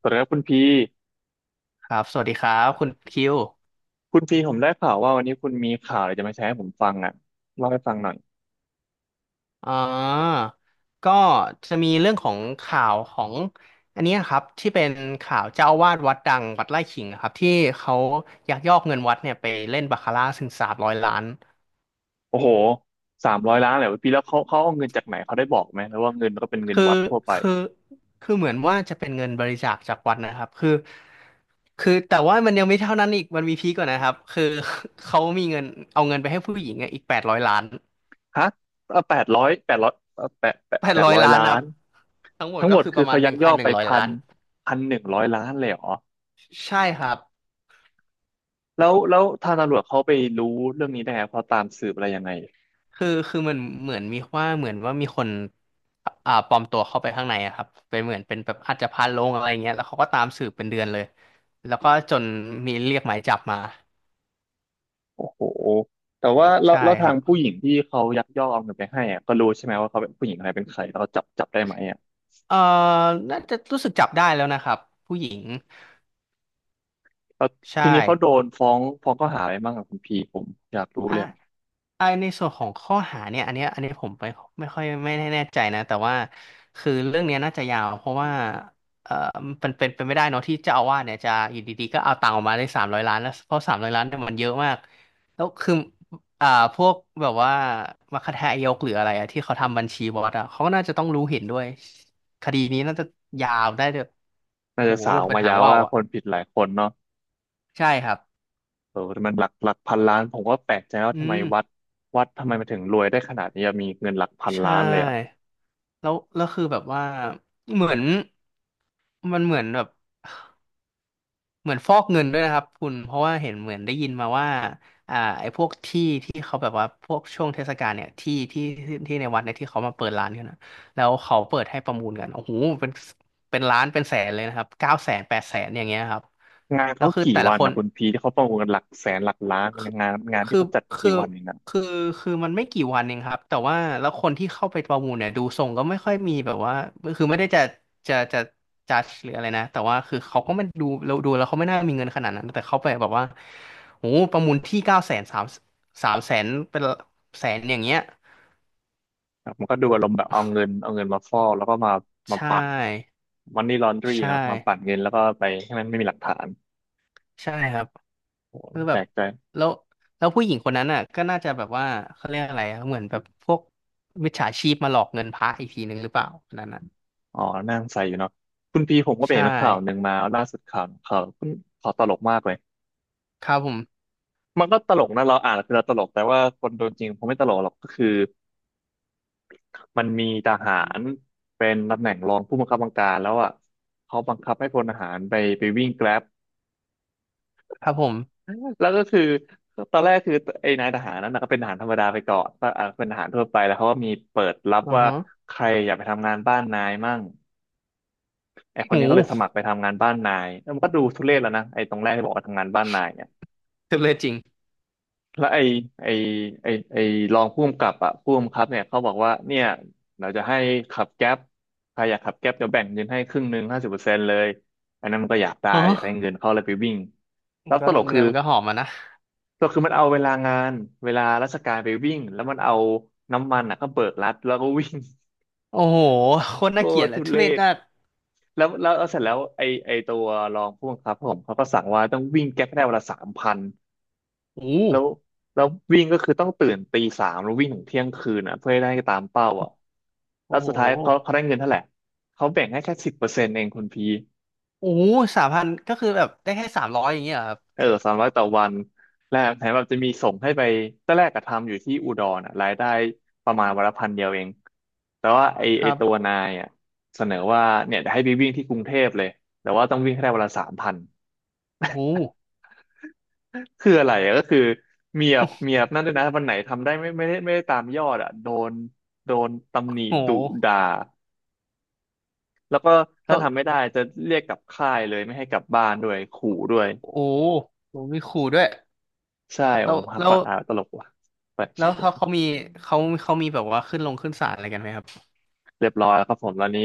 สวัสดีครับคุณพีครับสวัสดีครับคุณคิวผมได้ข่าวว่าวันนี้คุณมีข่าวอะไรจะมาแชร์ให้ผมฟังอ่ะเล่าให้ฟังหน่อยอ่าก็จะมีเรื่องของข่าวของอันเนี้ยครับที่เป็นข่าวเจ้าอาวาสวัดดังวัดไร่ขิงอะครับที่เขายักยอกเงินวัดเนี่ยไปเล่นบาคาร่าถึงสามร้อยล้านโอ้โห300 ล้านเลยพี่แล้วเขาเอาเงินจากไหนเขาได้บอกไหมหรือว่าเงินก็เป็นเงินคือวัดทั่วไปคือคือเหมือนว่าจะเป็นเงินบริจาคจากวัดนะครับคือแต่ว่ามันยังไม่เท่านั้นอีกมันมีพีกกว่านะครับเขามีเงินเอาเงินไปให้ผู้หญิงอะอีกแปดร้อยล้านฮะแปดร้อยแปดร้อยแปแปดดร้อยร้อยล้านล้าครับนทั้งหมดทั้งหมก็ดคือปคือระมาเขาณหยันึ่กงยพัอนกหไปนึ่งร้อยพัล้านน พันหนึ่งร้อยล้านเลยเหรอใช่ครับ แล้วทางตำรวจเขาไปรู้เรื่องนี้ได้ไงเขาตามสืบอะไรยังไงคือมันเหมือนมีว่าเหมือนว่ามีคนปลอมตัวเข้าไปข้างในอะครับเป็นเหมือนเป็นแบบอาจจะพาลงอะไรเงี้ยแล้วเขาก็ตามสืบเป็นเดือนเลย แล้วก็จนมีเรียกหมายจับมา โอ้โหแต่ว่าแล้วใช่แล้วคทารังบผู้หญิงที่เขายักยอกเอาเงินไปให้อะก็รู้ใช่ไหมว่าเขาเป็นผู้หญิงอะไรเป็นใครแล้วเขาจับได้ไหมอ่ะ เอ่อน่าจะรู้สึกจับได้แล้วนะครับ ผู้หญิง แล้วใช่ทีนี้เขาโดนฟ้องข้อหาอะไรบ้างกับคุณพีผมอยากรู้อ่ะ เลยอะไอในส่วนของข้อหาเนี่ยอันเนี้ยอันนี้ผมไปไม่ค่อยไม่แน่ใจนะแต่ว่าคือเรื่องเนี้ยน่าจะยาวเพราะว่าเออมันเป็นไม่ได้เนาะที่เจ้าอาวาสเนี่ยจะอยู่ดีๆก็เอาตังค์ออกมาได้สามร้อยล้านแล้วเพราะสามร้อยล้านเนี่ยมันเยอะมากแล้วคืออ่าพวกแบบว่ามัคคทายกหรืออะไรอะที่เขาทำบัญชีบอสอะเขาก็น่าจะต้องรู้เห็นด้วยคดีนี้น่าจะยาวได้เลยน่าโอ้จะโหสาวเป็นมาหายางวว่าวว่าอะคนผิดหลายคนเนาะใช่ครับเออแตมันหลักพันล้านผมก็แปลกใจว่าอืทำไมมวัดทำไมมันถึงรวยได้ขนาดนี้อะมีเงินหลักพันใชล้านเลยอะ่ แล้วแล้วคือแบบว่าเหมือนมันเหมือนแบบเหมือนฟอกเงินด้วยนะครับคุณเพราะว่าเห็นเหมือนได้ยินมาว่าไอ้พวกที่เขาแบบว่าพวกช่วงเทศกาลเนี่ยที่ในวัดเนี่ยที่เขามาเปิดร้านกันนะแล้วเขาเปิดให้ประมูลกันโอ้โหเป็นเป็นล้านเป็นแสนเลยนะครับ900,000 800,000 อย่างเงี้ยครับงานแล้เขาวคือกี่แต่ละวันคน นะคุณพีที่เขาประมูลกันหลักแสนหลักล้านคืองานที่คือเขาจัดคืกี่วันเองนะอคือมันไม่กี่วันเองครับแต่ว่าแล้วคนที่เข้าไปประมูลเนี่ยดูทรงก็ไม่ค่อยมีแบบว่าคือไม่ได้จะจัดหรืออะไรนะแต่ว่าคือเขาก็ไม่ดูเราดูแล้วเขาไม่น่ามีเงินขนาดนั้นแต่เขาไปแบบว่าโอ้โหประมูลที่เก้าแสนสามแสนเป็นแสนอย่างเงี้ยครับมันก็ดูอารมณ์แบบเอาเงินมาฟอกแล้วก็มาใช่ปั่นมันนี่ลอนดรีใช่ เนาะมาปั่นเงินแล้วก็ไปให้มันไม่มีหลักฐานใช่ครับโอ้โหคือแบแปลบกใจ แล้วแล้วผู้หญิงคนนั้นอ่ะก็น่าจะแบบว่าเขาเรียกอะไรอะเหมือนแบบพวกมิจฉาชีพมาหลอกเงินพระอีกทีหนึ่งหรือเปล่าคนนั้นน่ะอ๋อนั่งใส่อยู่เนาะคุณพีผมก็ไปใช่เห็นข่าวหนึ่งมาล่าสุดข่าวตลกมากเลยครับผมมันก็ตลกนะเราอ่านคือเราตลกแต่ว่าคนโดนจริงคงไม่ตลกหรอกก็คือมันมีทหารเป็นตำแหน่งรองผู้บังคับบัญชาแล้วอ่ะเขาบังคับให้พลทหารไปวิ่งแกร็บครับผมแล้วก็คือตอนแรกคือไอ้นายทหารนั้นนะก็เป็นทหารธรรมดาไปก่อนก็อ่ะเป็นทหารทั่วไปแล้วเขาก็มีเปิดรับอือว่าฮะใครอยากไปทำงานบ้านนายมั่ง ไอคนหูนี้ก็เลยสมัครไปทำงานบ้านนายแล้วมันก็ดูทุเรศแล้วนะไอตรงแรกที่บอกว่าทำงานบ้านนายเนี่ยจำเลยจริงแล้วไอไอไอไอรองผู้กำกับอะผู้กำกับเนี่ยเขาบอกว่าเนี่ยเราจะให้ขับแก๊ปใครอยากขับแก๊ปเดี๋ยวแบ่งเงินให้ครึ่งหนึ่ง50%เลยอันนั้นมันก็อยากได้อ๋ออยากให้เงินเขาเลยไปวิ่งแล้มันวก็เงินมันก็หอมมานะตลกคือมันเอาเวลางานเวลาราชการไปวิ่งแล้วมันเอาน้ำมันอ่ะก็เบิกรัดแล้วก็วิ่ง โอ้โหโคตรโคน่าเกลียตดรเลยทุทุเรเรศศน่ากแล้วเสร็จแล้วไอตัวรองผู้บังคับผมเขาก็สั่งว่าต้องวิ่งแก๊ปให้ได้วันละสามพันโอ้โแล้วหแล้ววิ่งก็คือต้องตื่นตีสามแล้ววิ่งถึงเที่ยงคืนอ่ะเพื่อให้ได้ตามเป้าอ่ะแล้โอ้วโหสุดท้ายเขาได้เงินเท่าไหร่เขาแบ่งให้แค่สิบเปอร์เซ็นต์เองคุณพี โอ้3,000ก็คือแบบได้แค่สามร้อยอย่างเงี้ยเหรอครับเออสามร้อยต่อวันแล้วแถมแบบจะมีส่งให้ไปตอนแรกก็ทำอยู่ที่อุดรอ่ะรายได้ประมาณวันละพันเดียวเองแต่ว่าไอคไอรัตัวบนายอ่ะเสนอว่าเนี่ยจะให้ไปวิ่งที่กรุงเทพเลยแต่ว่าต้องวิ่งให้ได้วันละสามพันโอ้คืออะไรอะก็คือเมียบนั่นด้วยนะวันไหนทำได้ไม่ได้ตามยอดอ่ะโดนตำหนิโหโอ้ดุด่าโหแล้วก็แล้ถ้าวทำไม่ได้จะเรียกกลับค่ายเลยไม่ให้กลับบ้านด้วยขู่ด้วยโอ้โหมีขู่ด้วยใช่แล้โอ้วโหแล้ว ฟังอ่ะตลกว่ะแปลกแล้ชิบ วเขาเขามีเขาเขามีแบบว่าขึ้นลงขึ้นศาลอะไรกันไหมครับเรียบร้อยแล้วครับผมตอนนี้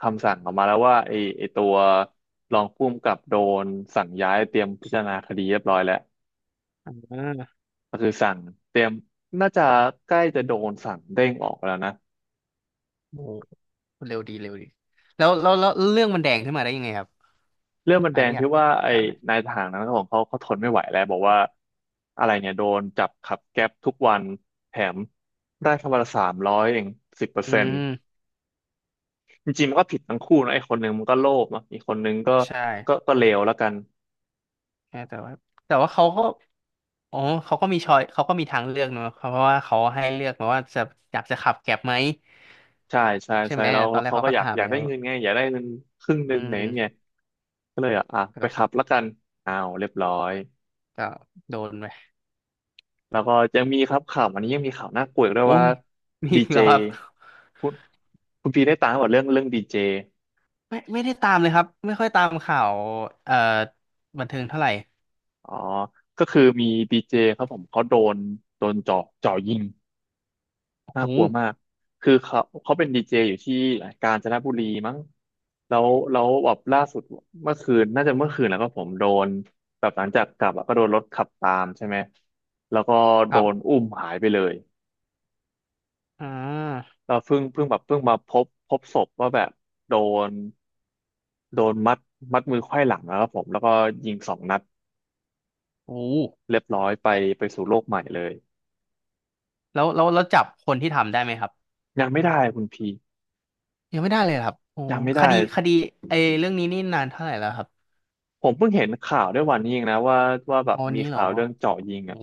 คำสั่งออกมาแล้วว่าไอ้ตัวรองผู้กำกับโดนสั่งย้ายเตรียมพิจารณาคดีเรียบร้อยแล้วอ่าก็คือสั่งเตรียมน่าจะใกล้จะโดนสั่งเด้งออกแล้วนะโอ้โหเร็วดีเร็วดีแล้วแล้วแล้วเรื่องมันแดงขึ้นมาได้ยังไงครับเรื่องมันอัแดนงนี้อยาที่กว่าไอ้ถามหน่อยนายทหารนั้นของเขาเขาทนไม่ไหวแล้วบอกว่าอะไรเนี่ยโดนจับขับแก๊ปทุกวันแถมได้แค่วันละสามร้อยเองสิบเปอร์อืเซ็นต์มจริงๆมันก็ผิดทั้งคู่นะไอ้คนหนึ่งมันก็โลภเนอะอีกคนหนึ่งก็ใช่ก็ก็เลวแล้วกัน ใช่แต่ว่าแต่ว่าเขาก็อ๋อเขาก็มีชอยเขาก็มีทางเลือกเนอะเพราะว่าเขาให้เลือกมาว่าจะอยากจะขับแกร็บไหมใช่ใช่ใช่ใช่ไหมแล้วตอแล้นวแรกเขาเขาก็ก็อยากถามอยากแล้ได้วเงินไงอยากได้เงินครึ่งหนึ่อืงไหนเงี้มก็เลยอ่ะไปขับก็แล้วกันอ้าวเรียบร้อยก็โดนไปแล้วก็ยังมีครับข่าวอันนี้ยังมีข่าวน่ากลัวอีกด้วยโอ้ว่ายมีมีดีอีกเจแล้วครับคุณคุณพีได้ตามกับเรื่องดีเจไม่ไม่ได้ตามเลยครับไม่ค่อยตามข่าวเอ่อบันเทิงเท่าไหร่อ๋อก็คือมีดีเจครับผมเขาโดนจ่อยิง โอ้น่าโหกลัวมาก คือเขาเป็นดีเจอยู่ที่กาญจนบุรีมั้งแล้วแบบล่าสุดเมื่อคืนน่าจะเมื่อคืนแล้วก็ผมโดนแบบหลังจากกลับอะก็โดนรถขับตามใช่ไหมแล้วก็โดครันบ อุ้มหายไปเลยอ่าเราเพิ่งมาพบศพว่าแบบโดนโดนมัดมือไขว้หลังนะครับผมแล้วก็ยิง2 นัดโอ้เรียบร้อยไปสู่โลกใหม่เลย แล้วแล้วแล้วจับคนที่ทำได้ไหมครับยังไม่ได้คุณพี ยังไม่ได้เลยเหรอครับโอ้ยังไม่คได้ ดีคดีไอ้เรื่องนี้นี่นานเท่าไหร่แล้วครับผมเพิ่งเห็นข่าวด้วยวันนี้เองนะว่าแบอ๋บอวันมีนี้เหรอข่าวเรื่องเจาะยิงโอ้อะ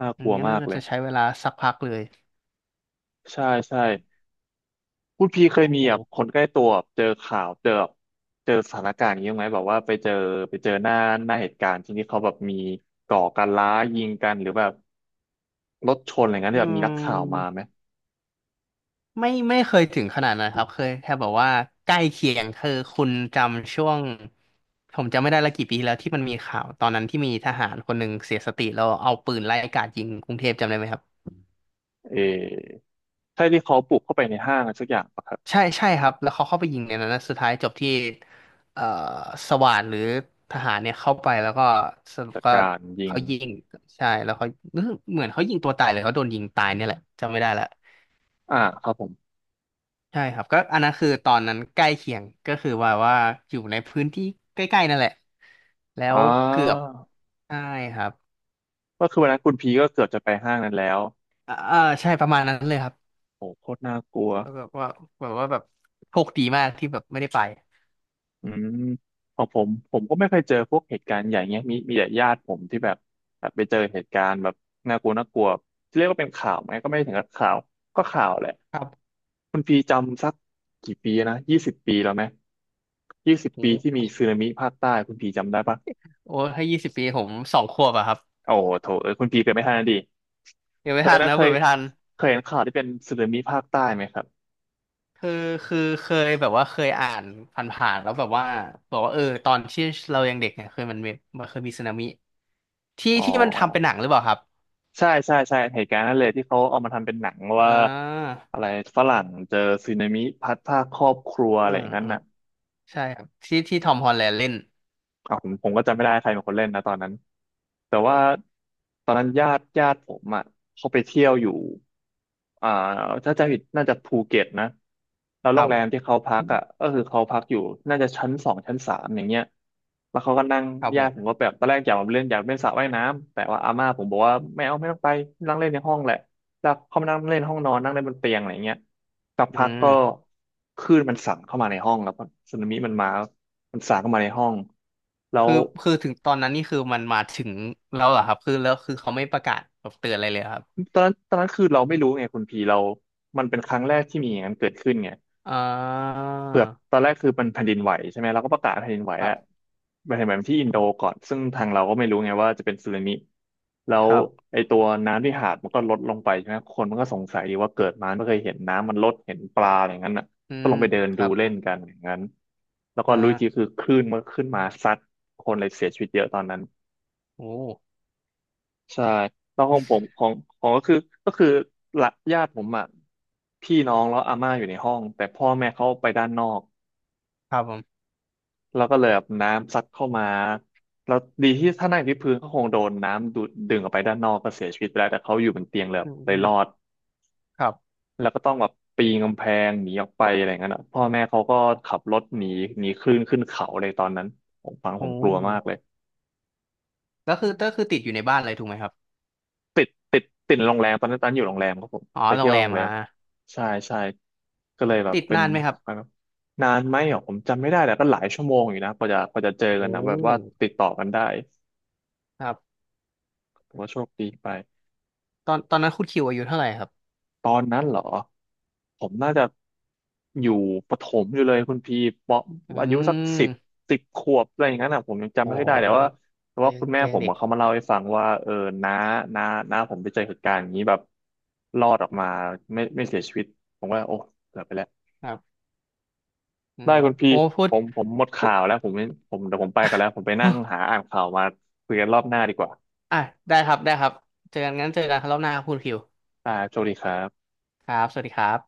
น่ากลัวงั้นมากน่าเลยจะใช้เวลาสักพักเลยใช่ใช่คุณพีเคยมีโอแบบค้นใกล้ตัวแบบเจอข่าวเจอแบบเจอสถานการณ์อย่างนี้บ้างไหมแบบว่าไปเจอหน้าเหตุการณ์ที่นี่เขาแบบมีก่อการร้ายยิงกันหรือแบบรถชนอะไรเงี้ยอืที่แบบมีนักข่าวมามไหมไม่ไม่เคยถึงขนาดนั้นครับเคยแค่แบบว่าใกล้เคียงคือคุณจำช่วงผมจำไม่ได้ละกี่ปีแล้วที่มันมีข่าวตอนนั้นที่มีทหารคนหนึ่งเสียสติแล้วเอาปืนไล่กราดยิงกรุงเทพจำได้ไหมครับ เออใช่ที่เขาปลุกเข้าไปในห้างอะไรสักอย่างปะครับใช่ใช่ครับแล้วเขาเข้าไปยิงในนั้นนะสุดท้ายจบที่เอ่อสว่านหรือทหารเนี่ยเข้าไปแล้วก็สรุปจัดก็การยิงเขายิงใช่แล้วเขาเหมือนเขายิงตัวตายเลยเขาโดนยิงตายเนี่ยแหละจำไม่ได้ละอ่าครับผมใช่ครับก็อันนั้นคือตอนนั้นใกล้เคียงก็คือว่าว่าอยู่ในพื้นที่ใกล้ๆนั่นแหละแล้อ่วเกือบาใช่ครับก็คือวันนั้นคุณพีก็เกือบจะไปห้างนั้นแล้วใช่ประมาณนั้นเลยครับโหโคตรน่ากลัว แล้วแบบว่าแบบว่าแบบโชคดีมากที่แบบไม่ได้ไปอืมของผมก็ไม่เคยเจอพวกเหตุการณ์ใหญ่เงี้ยมีแต่ญาติผมที่แบบแบบไปเจอเหตุการณ์แบบน่ากลัวน่ากลัวเรียกว่าเป็นข่าวไหมก็ไม่ถึงกับข่าวก็ข่าวแหละครับคุณพีจำสักกี่ปีนะยี่สิบปีแล้วไหมยี่สิบโอ้ปีที่มีโหสึนามิภาคใต้คุณพีจำได้ปะโอ้ถ้า20 ปีผม2 ขวบอะครับ โอ้โหโถเอ้ยคุณพีเกิดไม่ทันนะดิเดี๋ยวไม่เคยทันนะนะเคเปิยดไม่ทันเคยเห็นข่าวที่เป็นสึนามิภาคใต้ไหมครับคือคือเคยแบบว่าเคยอ่านผ่านๆแล้วแบบว่าบอกว่าเออตอนที่เรายังเด็กเนี่ยเคยมันมีมันเคยมีสึนามิที่อ๋อ ที่มันทำเป็นหนังหรือเปล่าครับใช่ใช่ใช่เหตุการณ์นั่นเลยที่เขาเอามาทำเป็นหนังอ่ว่าาอะไรฝรั่งเจอสึนามิพัดพรากครอบครัวอือะไรอมย่างนั้นอืมน่ะ ใช่ครับที่ที่ทอมฮอลแลนด์เล่นอ่ะผมก็จำไม่ได้ใครเป็นคนเล่นนะตอนนั้นแต่ว่าตอนนั้นญาติผมอ่ะเขาไปเที่ยวอยู่อ่าถ้าจะผิดน่าจะภูเก็ตนะแล้วคโรรังแรมที่บเขาพักอ่ะก็คือเขาพักอยู่น่าจะชั้น 2 ชั้น 3อย่างเงี้ยแล้วเขาก็นั่งครับผญาติผมมก็แบบตอนแรกอยากมาเล่นอยากเล่นสระว่ายน้ำแต่ว่าอาม่าผมบอกว่าไม่เอาไม่ต้องไปนั่งเล่นในห้องแหละแล้วเขามานั่งเล่นห้องนอนนั่งเล่นบนเตียงอะไรเงี้ย สักอืพักก็มคลื่นมันสั่นเข้ามาในห้องแล้วก็สึนามิมันมา มันสั่นเข้ามาในห้องแล้วคือคือถึงตอนนั้นนี่คือมันมาถึงแล้วเหรอครับคือแล้วคือเขาไม่ประกาศแบบเตือนอะไรเลยเหรอครับตอนนั้นคือเราไม่รู้ไงคุณพีเรามันเป็นครั้งแรกที่มีอย่างนั้นเกิดขึ้นไง อ่าเกือบตอนแรกคือมันแผ่นดินไหวใช่ไหมเราก็ประกาศแผ่นดินไหวครัแล้วบนแผ่นดินไหวที่อินโดก่อนซึ่งทางเราก็ไม่รู้ไงว่าจะเป็นสึนามิแล้วครับไอตัวน้ำที่หาดมันก็ลดลงไปใช่ไหมคนมันก็สงสัยดีว่าเกิดมาไม่เคยเห็นน้ำมันลดเห็นปลาอะไรอย่างนั้นอ่ะอืก็มลงไปเดินคดูรับเล่นกันอย่างนั้นแล้วอก็รู้อีกที่าคือคลื่นมันก็ขึ้นมาซัดคนเลยเสียชีวิตเยอะตอนนั้นโอ้ใช่แล้วของผมของของก็คือก็คือละญาติผมอ่ะพี่น้องแล้วอาม่าอยู่ในห้องแต่พ่อแม่เขาไปด้านนอก ครับผมแล้วก็เลยแบบน้ำซัดเข้ามาแล้วดีที่ถ้านั่งที่พื้นก็คงโดนน้ำดูดดึงออกไปด้านนอกก็เสียชีวิตไปแล้วแต่เขาอยู่บนเตียงเลยแบอืบมเลอืยมรอดครับ แล้วก็ต้องแบบปีนกำแพงหนีออกไปอะไรอย่างนั้นอะพ่อแม่เขาก็ขับรถหนีหนีคลื่นขึ้นเขาเลยตอนนั้นผมฟังผมโอ้กลัวมากเลยก็คือก็คือติดอยู่ในบ้านเลยถูกไหมครับติดติดติดโรงแรมตอนนั้นตอนอยู่โรงแรมครับผมอ๋อไปโรเที่งยวแรโรมงแรอ่ะมใช่ใช่ก็เลยแบบติดเป็นนานไหมครับนานไหมอ่ะผมจำไม่ได้แต่ก็หลายชั่วโมงอยู่นะกว่าจะเจอกันโอ้นะแบบว่าติดต่อกันได้ครับแต่ว่าโชคดีไป ตอนตอนนั้นคุณคิวอายุเท่าไหร่ครับตอนนั้นเหรอผมน่าจะอยู่ประถมอยู่เลยคุณพีปอือายุสักสิมบ10 ขวบอะไรอย่างนั้นอ่ะผมยังจำโอไม่ค่อยได้แต่ว่า้แต่ก็ว่ายัคุงณแม่ก็ผยังมเด็กอะเขามาเล่าให้ฟังว่าเออน้าน้าน้าผมไปเจอเหตุการณ์อย่างนี้แบบรอดออกมาไม่เสียชีวิตผมว่าโอ้เกือบไปแล้วครับอืได้มคุณพีโอ้พูผดมผมหมดพูข่าด วแล้วผมไม่ผมเดี๋ยวผมไปกันแล้วผมไปนั่งหา อ่านข่าวมาคุยกันรอบหน้าดีกว่า อ่ะได้ครับได้ครับ เจอกันงั้นเจอกันครับรอบหน้าครับคุณคิวอ่าโชคดีครับครับสวัสดีครับ